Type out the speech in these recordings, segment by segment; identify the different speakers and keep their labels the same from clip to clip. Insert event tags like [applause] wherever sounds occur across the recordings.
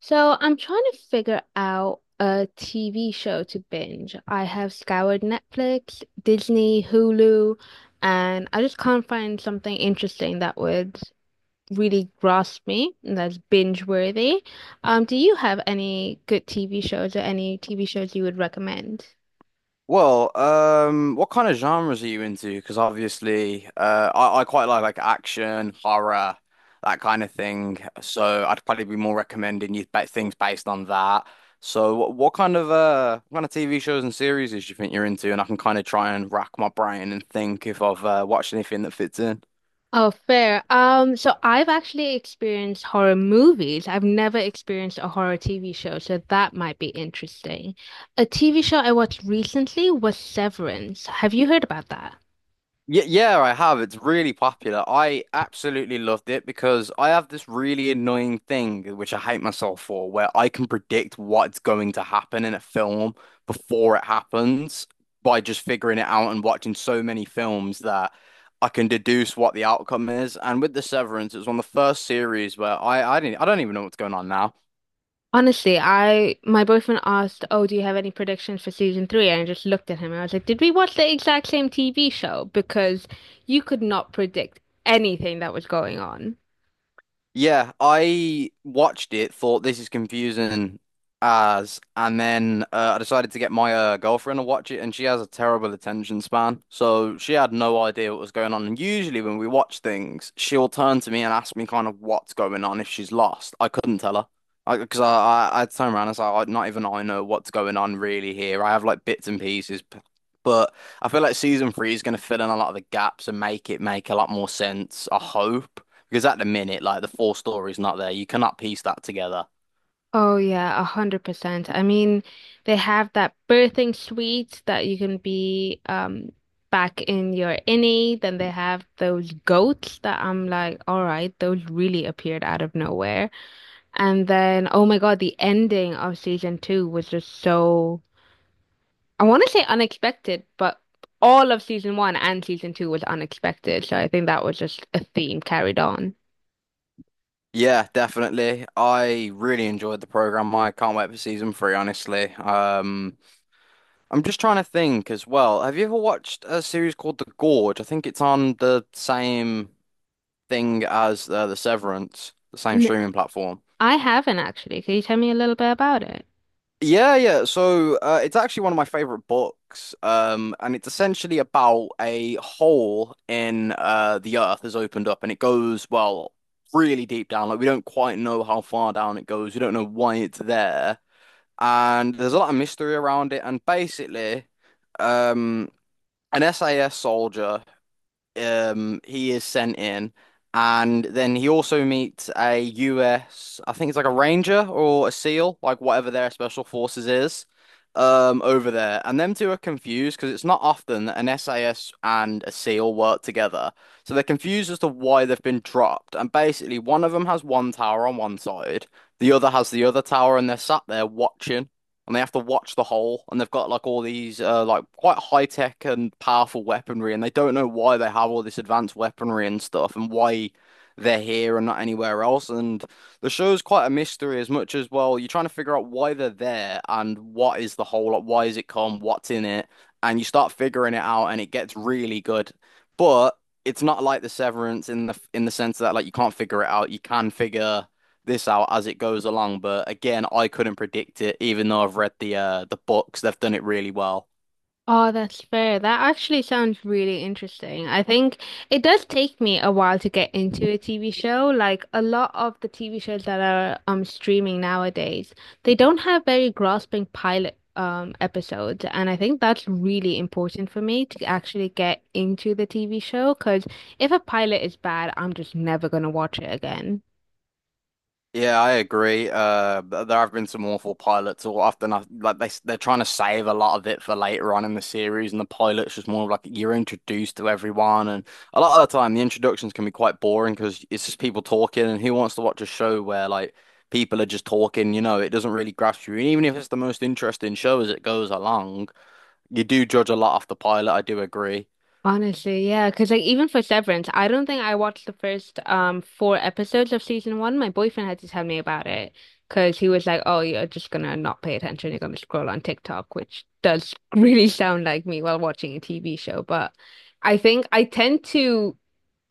Speaker 1: So I'm trying to figure out a TV show to binge. I have scoured Netflix, Disney, Hulu, and I just can't find something interesting that would really grasp me and that's binge worthy. Do you have any good TV shows or any TV shows you would recommend?
Speaker 2: Well, what kind of genres are you into? Because obviously, I quite like action, horror, that kind of thing. So I'd probably be more recommending you things based on that. So what kind of what kind of TV shows and series do you think you're into? And I can kind of try and rack my brain and think if I've watched anything that fits in.
Speaker 1: Oh, fair. So I've actually experienced horror movies. I've never experienced a horror TV show, so that might be interesting. A TV show I watched recently was Severance. Have you heard about that?
Speaker 2: Yeah, yeah, I have. It's really popular. I absolutely loved it because I have this really annoying thing, which I hate myself for, where I can predict what's going to happen in a film before it happens by just figuring it out and watching so many films that I can deduce what the outcome is. And with The Severance, it was one of the first series where I didn't, I don't even know what's going on now.
Speaker 1: Honestly, I my boyfriend asked, "Oh, do you have any predictions for season three?" And I just looked at him and I was like, "Did we watch the exact same TV show?" Because you could not predict anything that was going on.
Speaker 2: Yeah, I watched it, thought this is confusing as, and then I decided to get my girlfriend to watch it, and she has a terrible attention span, so she had no idea what was going on. And usually, when we watch things, she'll turn to me and ask me kind of what's going on if she's lost. I couldn't tell her. I because I, I turned around and said, Not even I know what's going on really here. I have like bits and pieces, but I feel like season three is going to fill in a lot of the gaps and make it make a lot more sense. I hope. Because at the minute, like the full story's not there. You cannot piece that together."
Speaker 1: Oh yeah, 100%. I mean, they have that birthing suite that you can be back in your innie. Then they have those goats that I'm like, all right, those really appeared out of nowhere. And then, oh my God, the ending of season two was just so, I want to say unexpected, but all of season one and season two was unexpected. So I think that was just a theme carried on.
Speaker 2: Yeah, definitely. I really enjoyed the program. I can't wait for season three, honestly. I'm just trying to think as well. Have you ever watched a series called The Gorge? I think it's on the same thing as The Severance, the same
Speaker 1: N
Speaker 2: streaming platform.
Speaker 1: I haven't actually. Can you tell me a little bit about it?
Speaker 2: Yeah, yeah. So it's actually one of my favorite books, and it's essentially about a hole in the earth has opened up, and it goes well really deep down. Like we don't quite know how far down it goes. We don't know why it's there, and there's a lot of mystery around it. And basically, um, an SAS soldier he is sent in, and then he also meets a US, I think it's like a ranger or a SEAL, like whatever their special forces is over there, and them two are confused because it's not often that an SAS and a SEAL work together, so they're confused as to why they've been dropped. And basically, one of them has one tower on one side, the other has the other tower, and they're sat there watching, and they have to watch the hole. And they've got like all these like quite high tech and powerful weaponry, and they don't know why they have all this advanced weaponry and stuff and why they're here and not anywhere else. And the show's quite a mystery as much as well. You're trying to figure out why they're there and what is the hole, like why is it come, what's in it. And you start figuring it out and it gets really good, but it's not like the Severance in the sense that like you can't figure it out. You can figure this out as it goes along. But again, I couldn't predict it, even though I've read the books. They've done it really well.
Speaker 1: Oh, that's fair. That actually sounds really interesting. I think it does take me a while to get into a TV show. Like a lot of the TV shows that are streaming nowadays, they don't have very grasping pilot episodes, and I think that's really important for me to actually get into the TV show because if a pilot is bad, I'm just never gonna watch it again.
Speaker 2: Yeah, I agree. There have been some awful pilots, or often like they're trying to save a lot of it for later on in the series, and the pilot's just more of like you're introduced to everyone, and a lot of the time the introductions can be quite boring because it's just people talking, and who wants to watch a show where like people are just talking? You know, it doesn't really grasp you, and even if it's the most interesting show as it goes along, you do judge a lot off the pilot. I do agree.
Speaker 1: Honestly, yeah, because like even for Severance, I don't think I watched the first four episodes of season one. My boyfriend had to tell me about it because he was like, "Oh, you're just gonna not pay attention. You're gonna scroll on TikTok," which does [laughs] really sound like me while watching a TV show. But I think I tend to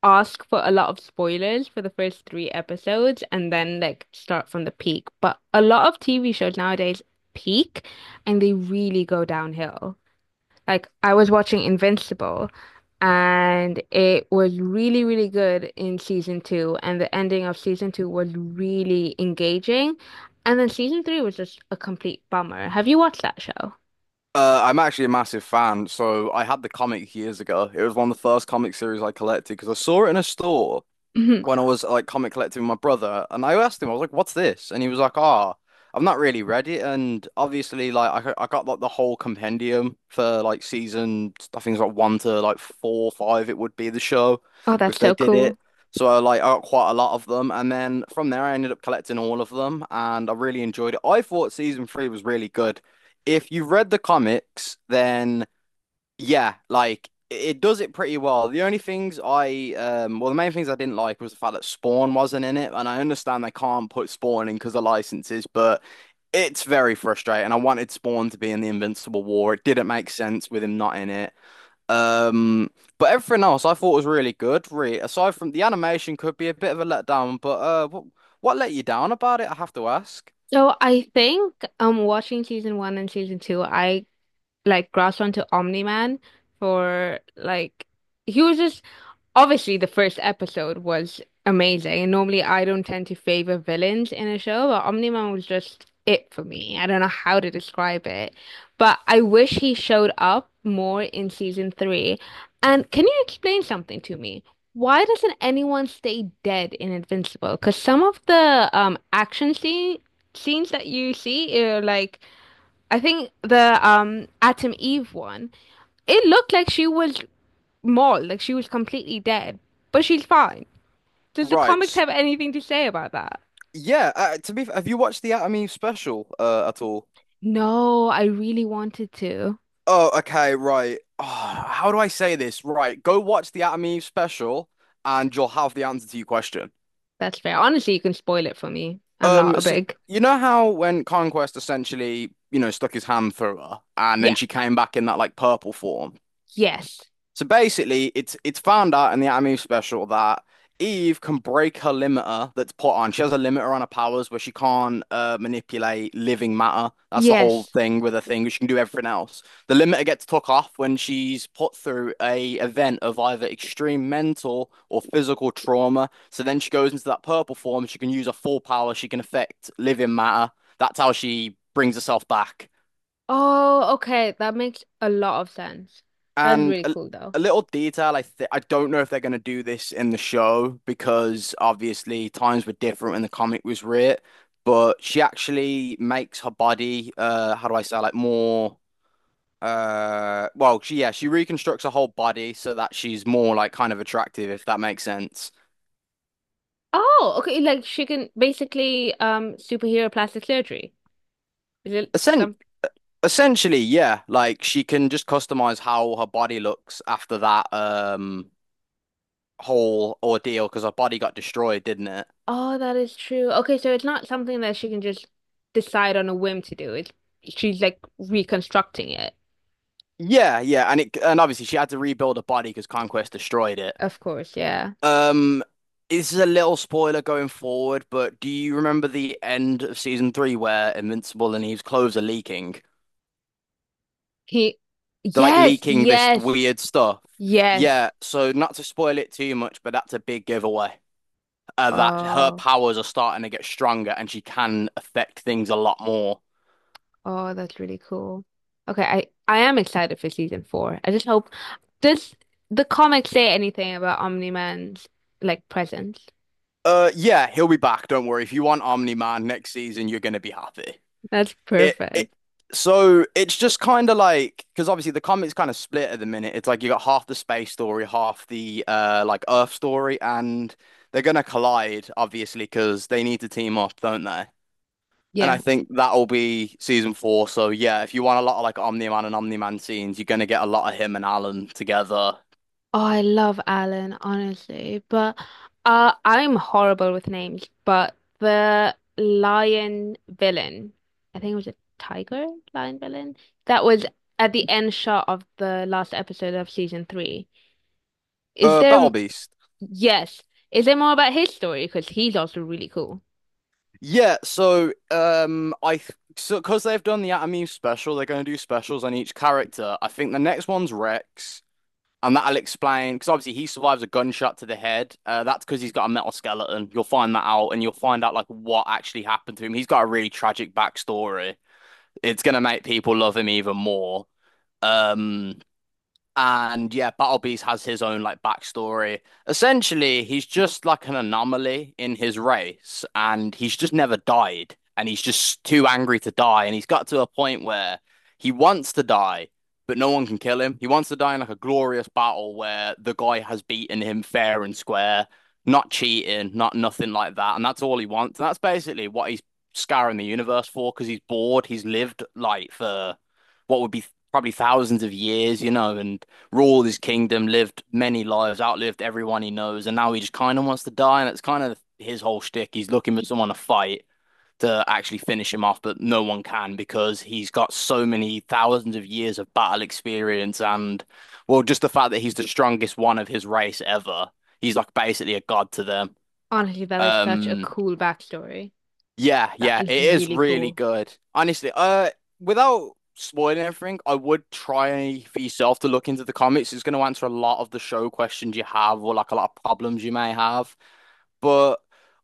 Speaker 1: ask for a lot of spoilers for the first three episodes and then like start from the peak. But a lot of TV shows nowadays peak and they really go downhill. Like I was watching Invincible and it was really, really good in season two and the ending of season two was really engaging. And then season three was just a complete bummer. Have you watched that show?
Speaker 2: I'm actually a massive fan. So I had the comic years ago. It was one of the first comic series I collected because I saw it in a store
Speaker 1: Mhm.
Speaker 2: when I was like comic collecting with my brother, and I asked him, I was like, "What's this?" And he was like, "Ah, I've not really read it." And obviously, like I got like the whole compendium for like season, I think it's like one to like four, five. It would be the show
Speaker 1: Oh, that's
Speaker 2: if they
Speaker 1: so
Speaker 2: did
Speaker 1: cool.
Speaker 2: it. So I got quite a lot of them, and then from there I ended up collecting all of them, and I really enjoyed it. I thought season three was really good. If you read the comics, then. Yeah, like it does it pretty well. The only things I well, the main things I didn't like was the fact that Spawn wasn't in it, and I understand they can't put Spawn in because of licenses, but it's very frustrating. I wanted Spawn to be in the Invincible War. It didn't make sense with him not in it. Um but everything else I thought was really good, really. Aside from the animation could be a bit of a letdown, but what let you down about it, I have to ask.
Speaker 1: So I think watching season one and season two, I like grasped onto Omni-Man for like, he was just, obviously, the first episode was amazing. And normally, I don't tend to favor villains in a show, but Omni-Man was just it for me. I don't know how to describe it, but I wish he showed up more in season three. And can you explain something to me? Why doesn't anyone stay dead in Invincible? Because some of the action scene scenes that you see are like, I think the Atom Eve one, it looked like she was mauled, like she was completely dead, but she's fine. Does the
Speaker 2: Right.
Speaker 1: comics have anything to say about that?
Speaker 2: Yeah. To be, have you watched the Anatomy special at all?
Speaker 1: No, I really wanted to.
Speaker 2: Oh, okay, right. Oh, how do I say this? Right, go watch the Adam and Eve special and you'll have the answer to your question.
Speaker 1: That's fair. Honestly, you can spoil it for me. I'm not
Speaker 2: Um,
Speaker 1: a
Speaker 2: so
Speaker 1: big.
Speaker 2: you know how when Conquest essentially, you know, stuck his hand through her and
Speaker 1: Yeah.
Speaker 2: then she came back in that like purple form?
Speaker 1: Yes.
Speaker 2: So basically, it's found out in the Anatomy of Special that Eve can break her limiter that's put on. She has a limiter on her powers where she can't manipulate living matter. That's the whole
Speaker 1: Yes.
Speaker 2: thing with her thing. She can do everything else. The limiter gets took off when she's put through a event of either extreme mental or physical trauma. So then she goes into that purple form. She can use her full power. She can affect living matter. That's how she brings herself back.
Speaker 1: Oh, okay. That makes a lot of sense. That's
Speaker 2: And
Speaker 1: really
Speaker 2: a,
Speaker 1: cool though.
Speaker 2: a little detail, I don't know if they're going to do this in the show because obviously times were different when the comic was writ, but she actually makes her body, how do I say, like more, yeah, she reconstructs her whole body so that she's more like kind of attractive, if that makes sense.
Speaker 1: Oh, okay. Like she can basically superhero plastic surgery. Is it
Speaker 2: Essen
Speaker 1: something?
Speaker 2: essentially, yeah, like she can just customize how her body looks after that, whole ordeal because her body got destroyed, didn't it?
Speaker 1: Oh, that is true. Okay, so it's not something that she can just decide on a whim to do. It's, she's like reconstructing it.
Speaker 2: Yeah, yeah, and it and obviously she had to rebuild her body because Conquest destroyed it.
Speaker 1: Of course, yeah.
Speaker 2: Um, this is a little spoiler going forward, but do you remember the end of season three where Invincible and Eve's clothes are leaking?
Speaker 1: He,
Speaker 2: They're like
Speaker 1: yes,
Speaker 2: leaking this
Speaker 1: yes,
Speaker 2: weird stuff.
Speaker 1: yes.
Speaker 2: Yeah, so not to spoil it too much, but that's a big giveaway. That her
Speaker 1: Oh,
Speaker 2: powers are starting to get stronger and she can affect things a lot more.
Speaker 1: oh, that's really cool. Okay, I am excited for season four. I just hope, does the comic say anything about Omni-Man's like presence?
Speaker 2: Yeah, he'll be back. Don't worry. If you want Omni-Man next season, you're gonna be happy.
Speaker 1: That's
Speaker 2: It
Speaker 1: perfect.
Speaker 2: So it's just kind of like, because obviously the comic's kind of split at the minute. It's like you got half the space story, half the like Earth story, and they're gonna collide obviously because they need to team up, don't they? And I
Speaker 1: Yeah.
Speaker 2: think that'll be season four. So yeah, if you want a lot of like Omni-Man and Omni-Man scenes, you're gonna get a lot of him and Alan together.
Speaker 1: Oh, I love Alan, honestly, but I'm horrible with names. But the lion villain, I think it was a tiger lion villain, that was at the end shot of the last episode of season three. Is
Speaker 2: Battle
Speaker 1: there,
Speaker 2: Beast.
Speaker 1: yes, is there more about his story? Because he's also really cool.
Speaker 2: Yeah, so I th so because they've done the Atomeme special, they're gonna do specials on each character. I think the next one's Rex. And that'll explain, because obviously he survives a gunshot to the head. That's because he's got a metal skeleton. You'll find that out, and you'll find out like what actually happened to him. He's got a really tragic backstory. It's gonna make people love him even more. Um, and yeah, Battle Beast has his own like backstory. Essentially, he's just like an anomaly in his race, and he's just never died. And he's just too angry to die. And he's got to a point where he wants to die, but no one can kill him. He wants to die in like a glorious battle where the guy has beaten him fair and square, not cheating, not nothing like that. And that's all he wants. And that's basically what he's scouring the universe for because he's bored. He's lived like for what would be probably thousands of years, you know, and ruled his kingdom, lived many lives, outlived everyone he knows, and now he just kind of wants to die. And it's kind of his whole shtick. He's looking for someone to fight to actually finish him off, but no one can because he's got so many thousands of years of battle experience. And well, just the fact that he's the strongest one of his race ever, he's like basically a god to them.
Speaker 1: Honestly, that is such a
Speaker 2: Um,
Speaker 1: cool backstory.
Speaker 2: yeah,
Speaker 1: That
Speaker 2: yeah,
Speaker 1: is
Speaker 2: it is
Speaker 1: really
Speaker 2: really
Speaker 1: cool.
Speaker 2: good. Honestly, without spoiling everything, I would try for yourself to look into the comics. It's going to answer a lot of the show questions you have, or like a lot of problems you may have. But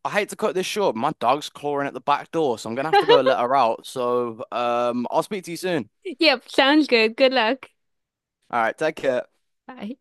Speaker 2: I hate to cut this short. My dog's clawing at the back door, so I'm gonna have to go
Speaker 1: [laughs]
Speaker 2: let her out. So, I'll speak to you soon.
Speaker 1: Yep, sounds good. Good luck.
Speaker 2: All right, take care.
Speaker 1: Bye.